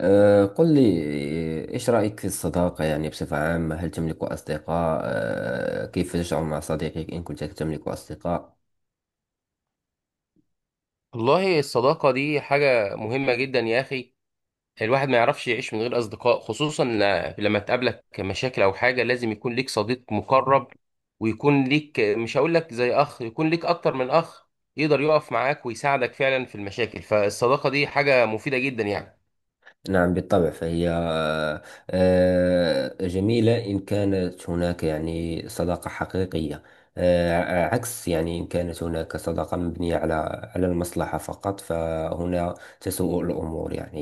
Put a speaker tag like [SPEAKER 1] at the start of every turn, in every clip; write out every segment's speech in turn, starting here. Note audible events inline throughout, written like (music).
[SPEAKER 1] قل لي. إيش رأيك في الصداقة يعني بصفة عامة؟ هل تملك أصدقاء؟ كيف تشعر مع صديقك إن كنت تملك أصدقاء؟
[SPEAKER 2] والله الصداقة دي حاجة مهمة جدا يا أخي. الواحد ما يعرفش يعيش من غير أصدقاء، خصوصا لما تقابلك مشاكل أو حاجة لازم يكون ليك صديق مقرب، ويكون ليك، مش هقول لك زي أخ، يكون ليك أكتر من أخ، يقدر يقف معاك ويساعدك فعلا في المشاكل. فالصداقة دي حاجة مفيدة جدا يعني.
[SPEAKER 1] نعم، بالطبع، فهي جميلة إن كانت هناك يعني صداقة حقيقية. عكس يعني إن كانت هناك صداقة مبنية على المصلحة فقط، فهنا تسوء الأمور يعني.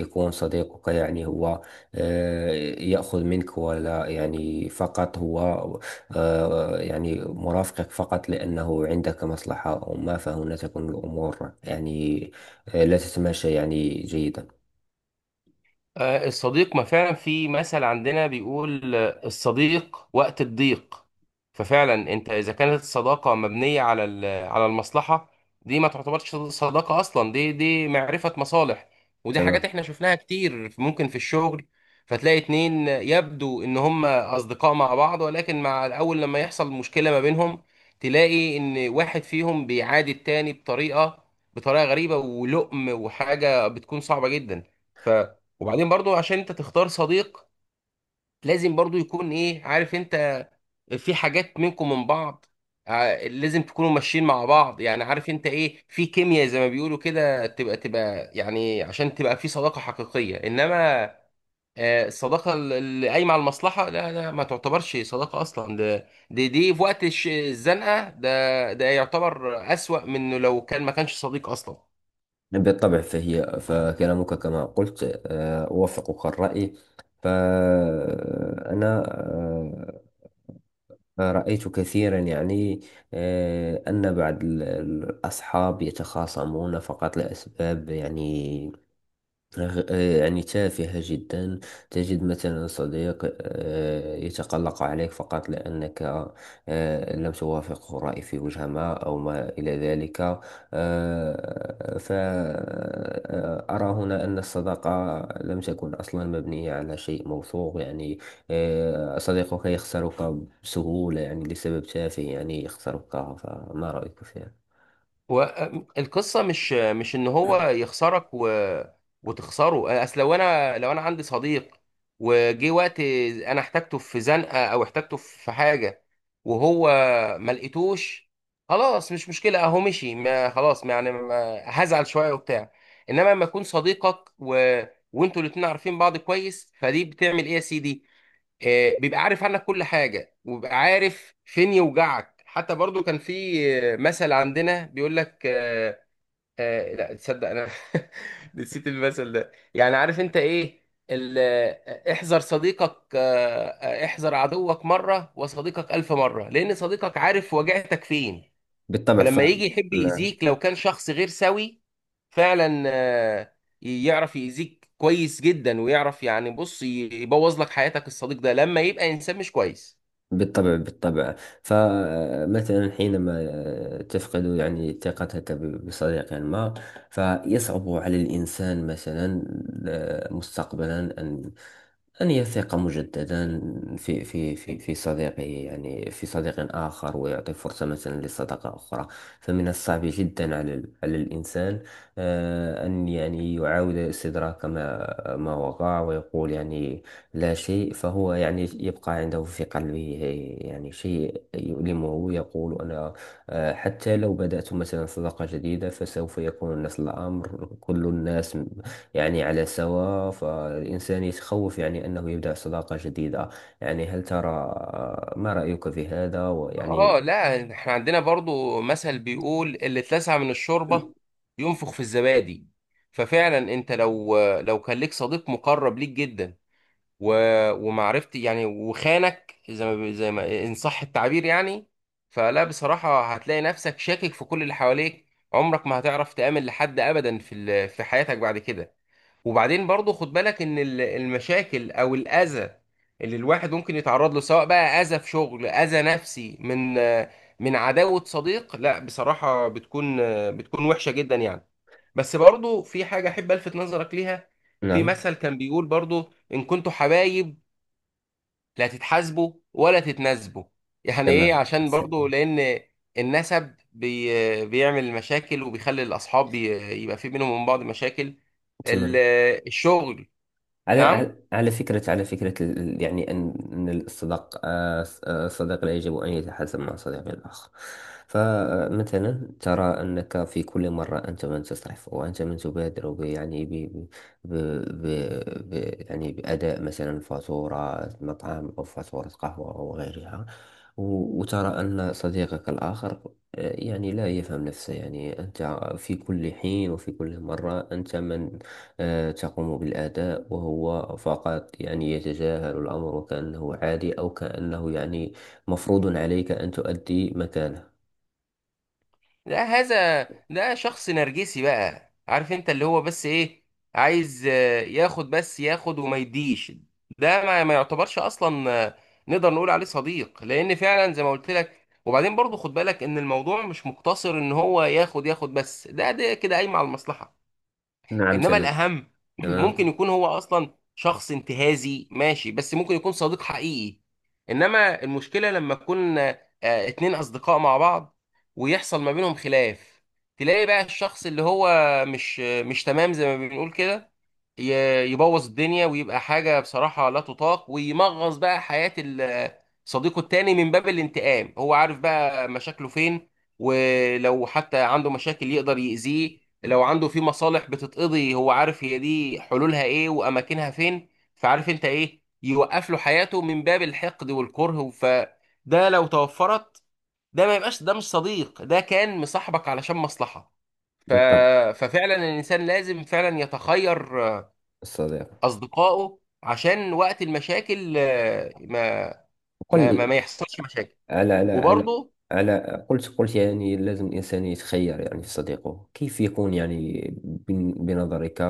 [SPEAKER 1] يكون صديقك يعني هو آه، يأخذ منك ولا يعني فقط هو يعني مرافقك فقط لأنه عندك مصلحة أو ما، فهنا تكون الأمور يعني لا تتماشى يعني جيدا.
[SPEAKER 2] الصديق، ما فعلا في مثل عندنا بيقول الصديق وقت الضيق. ففعلا انت اذا كانت الصداقه مبنيه على على المصلحه، دي ما تعتبرش صداقه اصلا، دي معرفه مصالح. ودي حاجات
[SPEAKER 1] تمام.
[SPEAKER 2] احنا شفناها كتير ممكن في الشغل. فتلاقي اتنين يبدو ان هم اصدقاء مع بعض، ولكن مع الاول لما يحصل مشكله ما بينهم، تلاقي ان واحد فيهم بيعادي التاني بطريقه غريبه ولؤم، وحاجه بتكون صعبه جدا. وبعدين برضو عشان انت تختار صديق، لازم برضو يكون ايه، عارف انت، في حاجات منكم من بعض. لازم تكونوا ماشيين مع بعض، يعني عارف انت ايه، في كيمياء زي ما بيقولوا كده، تبقى يعني عشان تبقى في صداقة حقيقية. انما الصداقة اللي قايمة على المصلحة لا، لا ما تعتبرش صداقة اصلا. ده دي دي في وقت الزنقة ده يعتبر اسوأ من إنه لو كان ما كانش صديق اصلا.
[SPEAKER 1] بالطبع، فكلامك كما قلت أوافقك الرأي. فأنا رأيت كثيرا يعني أن بعض الأصحاب يتخاصمون فقط لأسباب يعني يعني تافهة جدا. تجد مثلا صديق يتقلق عليك فقط لأنك لم توافقه رأي في وجهة ما أو ما إلى ذلك. فأرى هنا أن الصداقة لم تكن أصلا مبنية على شيء موثوق، يعني صديقك يخسرك بسهولة يعني لسبب تافه، يعني يخسرك. فما رأيك فيها؟
[SPEAKER 2] هو القصه مش ان هو يخسرك وتخسره. اصل لو انا عندي صديق وجه وقت انا احتاجته في زنقه او احتاجته في حاجه، وهو ما لقيتوش، خلاص مش مشكله، اهو مشي، ما خلاص، ما يعني ما هزعل شويه وبتاع. انما لما يكون صديقك وانتوا الاتنين عارفين بعض كويس، فدي بتعمل ايه يا سيدي، بيبقى عارف عنك كل حاجة، وبيبقى عارف فين يوجعك. حتى برضو كان في مثل عندنا بيقول لك لا تصدق. انا (laughs) نسيت المثل ده. يعني عارف انت ايه، احذر صديقك، احذر عدوك مرة وصديقك ألف مرة، لأن صديقك عارف وجعتك فين.
[SPEAKER 1] بالطبع.
[SPEAKER 2] فلما يجي يحب
[SPEAKER 1] نعم.
[SPEAKER 2] يأذيك لو كان شخص غير سوي، فعلا يعرف يأذيك كويس جدا، ويعرف يعني، بص، يبوظ لك حياتك الصديق ده لما يبقى إنسان مش كويس.
[SPEAKER 1] بالطبع، بالطبع. فمثلا حينما تفقد يعني ثقتك بصديق ما، فيصعب على الإنسان مثلا مستقبلا أن يثق مجددا في صديقه، يعني في صديق آخر، ويعطي فرصة مثلا لصداقة أخرى. فمن الصعب جدا على على الإنسان أن يعني يعاود استدراك ما وقع، ويقول يعني لا شيء. فهو يعني يبقى عنده في قلبه يعني شيء يؤلمه، يقول أنا حتى لو بدأت مثلا صداقة جديدة فسوف يكون نفس الأمر، كل الناس يعني على سواء. فالإنسان يتخوف يعني أنه يبدأ صداقة جديدة. يعني هل ترى ما رأيك في هذا ويعني؟
[SPEAKER 2] اه لا، احنا عندنا برضو مثل بيقول، اللي اتلسع من الشوربة ينفخ في الزبادي. ففعلا انت لو لو كان ليك صديق مقرب ليك جدا و... ومعرفتي يعني، وخانك، زي ما ان صح التعبير يعني، فلا بصراحة هتلاقي نفسك شاكك في كل اللي حواليك. عمرك ما هتعرف تآمن لحد أبدا في في حياتك بعد كده. وبعدين برضو خد بالك ان المشاكل او الاذى اللي الواحد ممكن يتعرض له، سواء بقى اذى في شغل، اذى نفسي من من عداوة صديق، لا بصراحة بتكون وحشة جدا يعني. بس برضو في حاجة احب الفت نظرك ليها. في
[SPEAKER 1] نعم،
[SPEAKER 2] مثل كان بيقول برضو، ان كنتوا حبايب لا تتحاسبوا ولا تتناسبوا. يعني ايه؟
[SPEAKER 1] تمام.
[SPEAKER 2] عشان
[SPEAKER 1] ت-
[SPEAKER 2] برضو لان النسب بيعمل مشاكل، وبيخلي الاصحاب يبقى في بينهم وبين بعض مشاكل. ال-
[SPEAKER 1] تمام.
[SPEAKER 2] الشغل.
[SPEAKER 1] على على
[SPEAKER 2] نعم،
[SPEAKER 1] على فكرة، يعني أن الصداق آه، س- آه، الصديق لا يجب أن يتحاسب مع صديق الآخر. فمثلا ترى أنك في كل مرة أنت من تسرف وأنت من تبادر ب يعني ب ب ب ب يعني بأداء مثلا فاتورة مطعم أو فاتورة قهوة أو غيرها. وترى أن صديقك الآخر يعني لا يفهم نفسه. يعني أنت في كل حين وفي كل مرة أنت من تقوم بالأداء، وهو فقط يعني يتجاهل الأمر، وكأنه عادي أو كأنه يعني مفروض عليك أن تؤدي مكانه.
[SPEAKER 2] لا هذا، ده شخص نرجسي بقى، عارف انت اللي هو بس ايه، عايز ياخد، بس ياخد وما يديش. ده ما يعتبرش اصلا نقدر نقول عليه صديق، لان فعلا زي ما قلت لك. وبعدين برضو خد بالك ان الموضوع مش مقتصر ان هو ياخد بس، ده ده كده قايم على المصلحة.
[SPEAKER 1] نعم،
[SPEAKER 2] انما
[SPEAKER 1] تمام.
[SPEAKER 2] الاهم، ممكن
[SPEAKER 1] تمام.
[SPEAKER 2] يكون هو اصلا شخص انتهازي ماشي، بس ممكن يكون صديق حقيقي. انما المشكله لما يكون اتنين اصدقاء مع بعض، ويحصل ما بينهم خلاف، تلاقي بقى الشخص اللي هو مش تمام زي ما بنقول كده، يبوظ الدنيا، ويبقى حاجه بصراحه لا تطاق، ويمغص بقى حياه صديقه التاني من باب الانتقام. هو عارف بقى مشاكله فين، ولو حتى عنده مشاكل يقدر يأذيه، لو عنده في مصالح بتتقضي هو عارف هي دي حلولها ايه واماكنها فين. فعارف انت ايه، يوقف له حياته من باب الحقد والكره. فده لو توفرت، ده ما يبقاش، ده مش صديق، ده كان مصاحبك علشان مصلحة. ف...
[SPEAKER 1] بالطبع.
[SPEAKER 2] ففعلا الانسان لازم فعلا يتخير
[SPEAKER 1] الصديق.
[SPEAKER 2] اصدقائه، عشان وقت المشاكل ما
[SPEAKER 1] قل
[SPEAKER 2] ما
[SPEAKER 1] لي
[SPEAKER 2] ما, ما يحصلش مشاكل.
[SPEAKER 1] على
[SPEAKER 2] وبرضه
[SPEAKER 1] قلت يعني لازم الإنسان يتخير يعني في صديقه، كيف يكون يعني بنظرك؟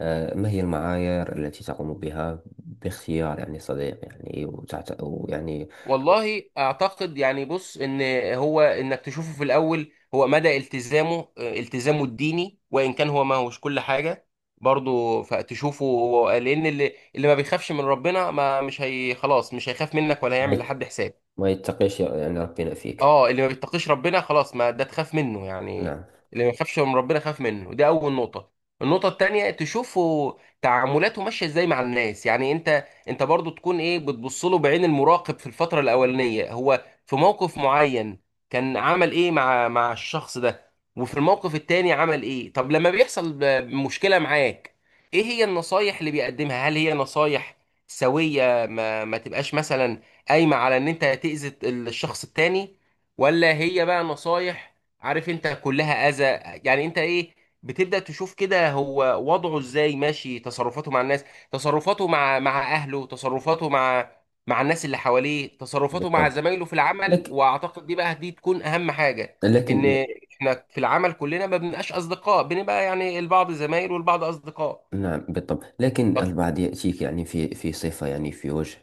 [SPEAKER 1] ما هي المعايير التي تقوم بها باختيار يعني صديق؟ يعني ويعني.
[SPEAKER 2] والله اعتقد يعني، بص، ان هو انك تشوفه في الاول هو مدى التزامه، التزامه الديني، وان كان هو ما هوش كل حاجه برضه. فتشوفه لان اللي ما بيخافش من ربنا، ما مش هي خلاص، مش هيخاف منك ولا
[SPEAKER 1] ما
[SPEAKER 2] هيعمل
[SPEAKER 1] يت-
[SPEAKER 2] لحد حساب.
[SPEAKER 1] ما يتقيش يعني ربنا فيك؟
[SPEAKER 2] اه اللي ما بيتقيش ربنا خلاص، ما ده تخاف منه يعني.
[SPEAKER 1] نعم،
[SPEAKER 2] اللي ما يخافش من ربنا خاف منه، دي اول نقطة. النقطة التانية تشوفه تعاملاته ماشية ازاي مع الناس، يعني انت برضو تكون ايه، بتبص له بعين المراقب في الفترة الاولانية. هو في موقف معين كان عمل ايه مع مع الشخص ده، وفي الموقف التاني عمل ايه. طب لما بيحصل مشكلة معاك، ايه هي النصايح اللي بيقدمها، هل هي نصايح سوية، ما تبقاش مثلا قايمة على ان انت تأذي الشخص التاني، ولا هي بقى نصايح، عارف انت، كلها اذى. يعني انت ايه، بتبدأ تشوف كده هو وضعه ازاي ماشي، تصرفاته مع الناس، تصرفاته مع مع اهله، تصرفاته مع مع الناس اللي حواليه، تصرفاته مع
[SPEAKER 1] بالطبع،
[SPEAKER 2] زمايله في العمل.
[SPEAKER 1] لكن
[SPEAKER 2] واعتقد دي بقى دي تكون اهم حاجة. ان
[SPEAKER 1] لكن.
[SPEAKER 2] احنا في العمل كلنا ما بنبقاش اصدقاء، بنبقى يعني البعض زمايل والبعض اصدقاء.
[SPEAKER 1] نعم، بالطبع، لكن البعض يأتيك يعني في صفة يعني في وجه،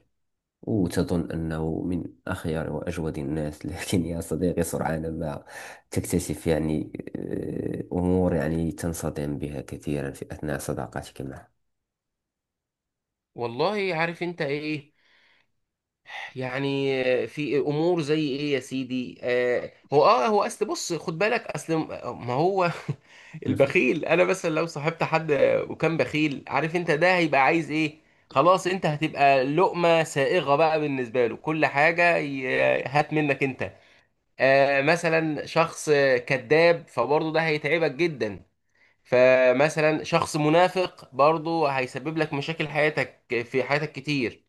[SPEAKER 1] وتظن أنه من أخيار وأجود الناس. (laughs) لكن يا صديقي، سرعان ما تكتشف يعني أمور يعني تنصدم بها كثيرا في أثناء صداقتك معه.
[SPEAKER 2] والله عارف انت ايه يعني، في امور زي ايه يا سيدي. هو اصل، بص خد بالك، اصل ما هو (laughs)
[SPEAKER 1] (laughs)
[SPEAKER 2] البخيل، انا مثلا لو صاحبت حد وكان بخيل، عارف انت ده هيبقى عايز ايه. خلاص انت هتبقى لقمة سائغة بقى بالنسبة له، كل حاجة هات منك انت. آه مثلا شخص كذاب، فبرضه ده هيتعبك جدا. فمثلا شخص منافق، برضه هيسبب لك مشاكل حياتك في حياتك كتير.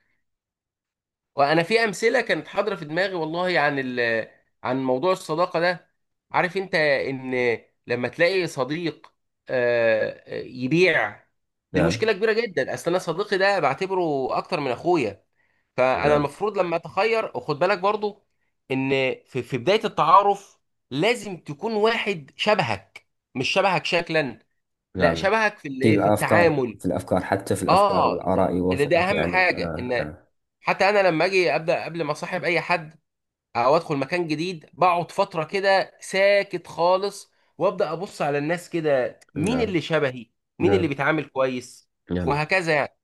[SPEAKER 2] وانا في امثله كانت حاضره في دماغي والله، عن عن موضوع الصداقه ده. عارف انت ان لما تلاقي صديق يبيع، دي
[SPEAKER 1] نعم.
[SPEAKER 2] مشكله كبيره جدا. اصل انا صديقي ده بعتبره اكتر من اخويا. فانا
[SPEAKER 1] نعم.
[SPEAKER 2] المفروض لما اتخير، وخد بالك برضو ان في بدايه التعارف لازم تكون واحد شبهك، مش شبهك شكلا، لا
[SPEAKER 1] نعم.
[SPEAKER 2] شبهك في
[SPEAKER 1] في
[SPEAKER 2] الايه، في
[SPEAKER 1] الأفكار.
[SPEAKER 2] التعامل.
[SPEAKER 1] في الأفكار، حتى في الأفكار
[SPEAKER 2] اه،
[SPEAKER 1] والآراء
[SPEAKER 2] اللي ده
[SPEAKER 1] يوافقك،
[SPEAKER 2] اهم
[SPEAKER 1] يعني
[SPEAKER 2] حاجه.
[SPEAKER 1] آه،
[SPEAKER 2] ان
[SPEAKER 1] نعم.
[SPEAKER 2] حتى انا لما اجي ابدا، قبل ما اصاحب اي حد او ادخل مكان جديد، بقعد فتره كده ساكت خالص، وابدا ابص على الناس كده، مين
[SPEAKER 1] نعم.
[SPEAKER 2] اللي شبهي، مين اللي
[SPEAKER 1] نعم.
[SPEAKER 2] بيتعامل كويس،
[SPEAKER 1] نعم.
[SPEAKER 2] وهكذا يعني.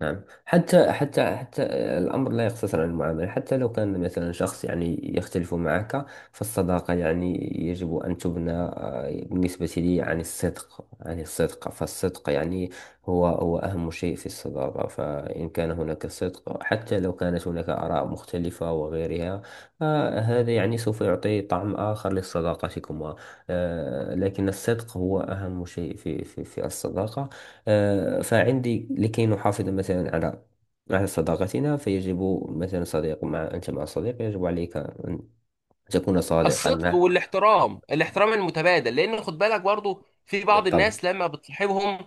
[SPEAKER 1] نعم. حتى الأمر لا يقتصر على المعاملة، حتى لو كان مثلا شخص يعني يختلف معك. فالصداقة يعني يجب أن تبنى بالنسبة لي عن الصدق، فالصدق يعني هو أهم شيء في الصداقة. فإن كان هناك صدق، حتى لو كانت هناك آراء مختلفة وغيرها، هذا يعني سوف يعطي طعم آخر لصداقتكما. لكن الصدق هو أهم شيء في الصداقة. فعندي لكي نحافظ مثلا على صداقتنا فيجب، مثلا صديق مع أنت مع صديق يجب عليك أن تكون صادقا
[SPEAKER 2] الصدق
[SPEAKER 1] معه.
[SPEAKER 2] والاحترام، الاحترام المتبادل. لان خد بالك برضو في بعض
[SPEAKER 1] بالطبع.
[SPEAKER 2] الناس لما بتصاحبهم،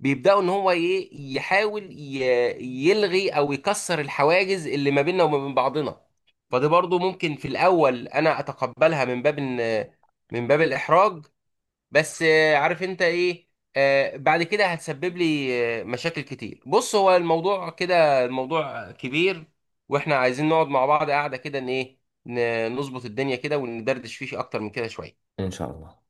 [SPEAKER 2] بيبداوا ان هو ايه، يحاول يلغي او يكسر الحواجز اللي ما بيننا وما بين بعضنا. فدي برضو ممكن في الاول انا اتقبلها من باب من باب الاحراج، بس عارف انت ايه، بعد كده هتسبب لي مشاكل كتير. بص هو الموضوع كده، الموضوع كبير، واحنا عايزين نقعد مع بعض قاعدة كده ان ايه، نظبط الدنيا كده، وندردش فيه اكتر من كده شوية.
[SPEAKER 1] إن شاء الله.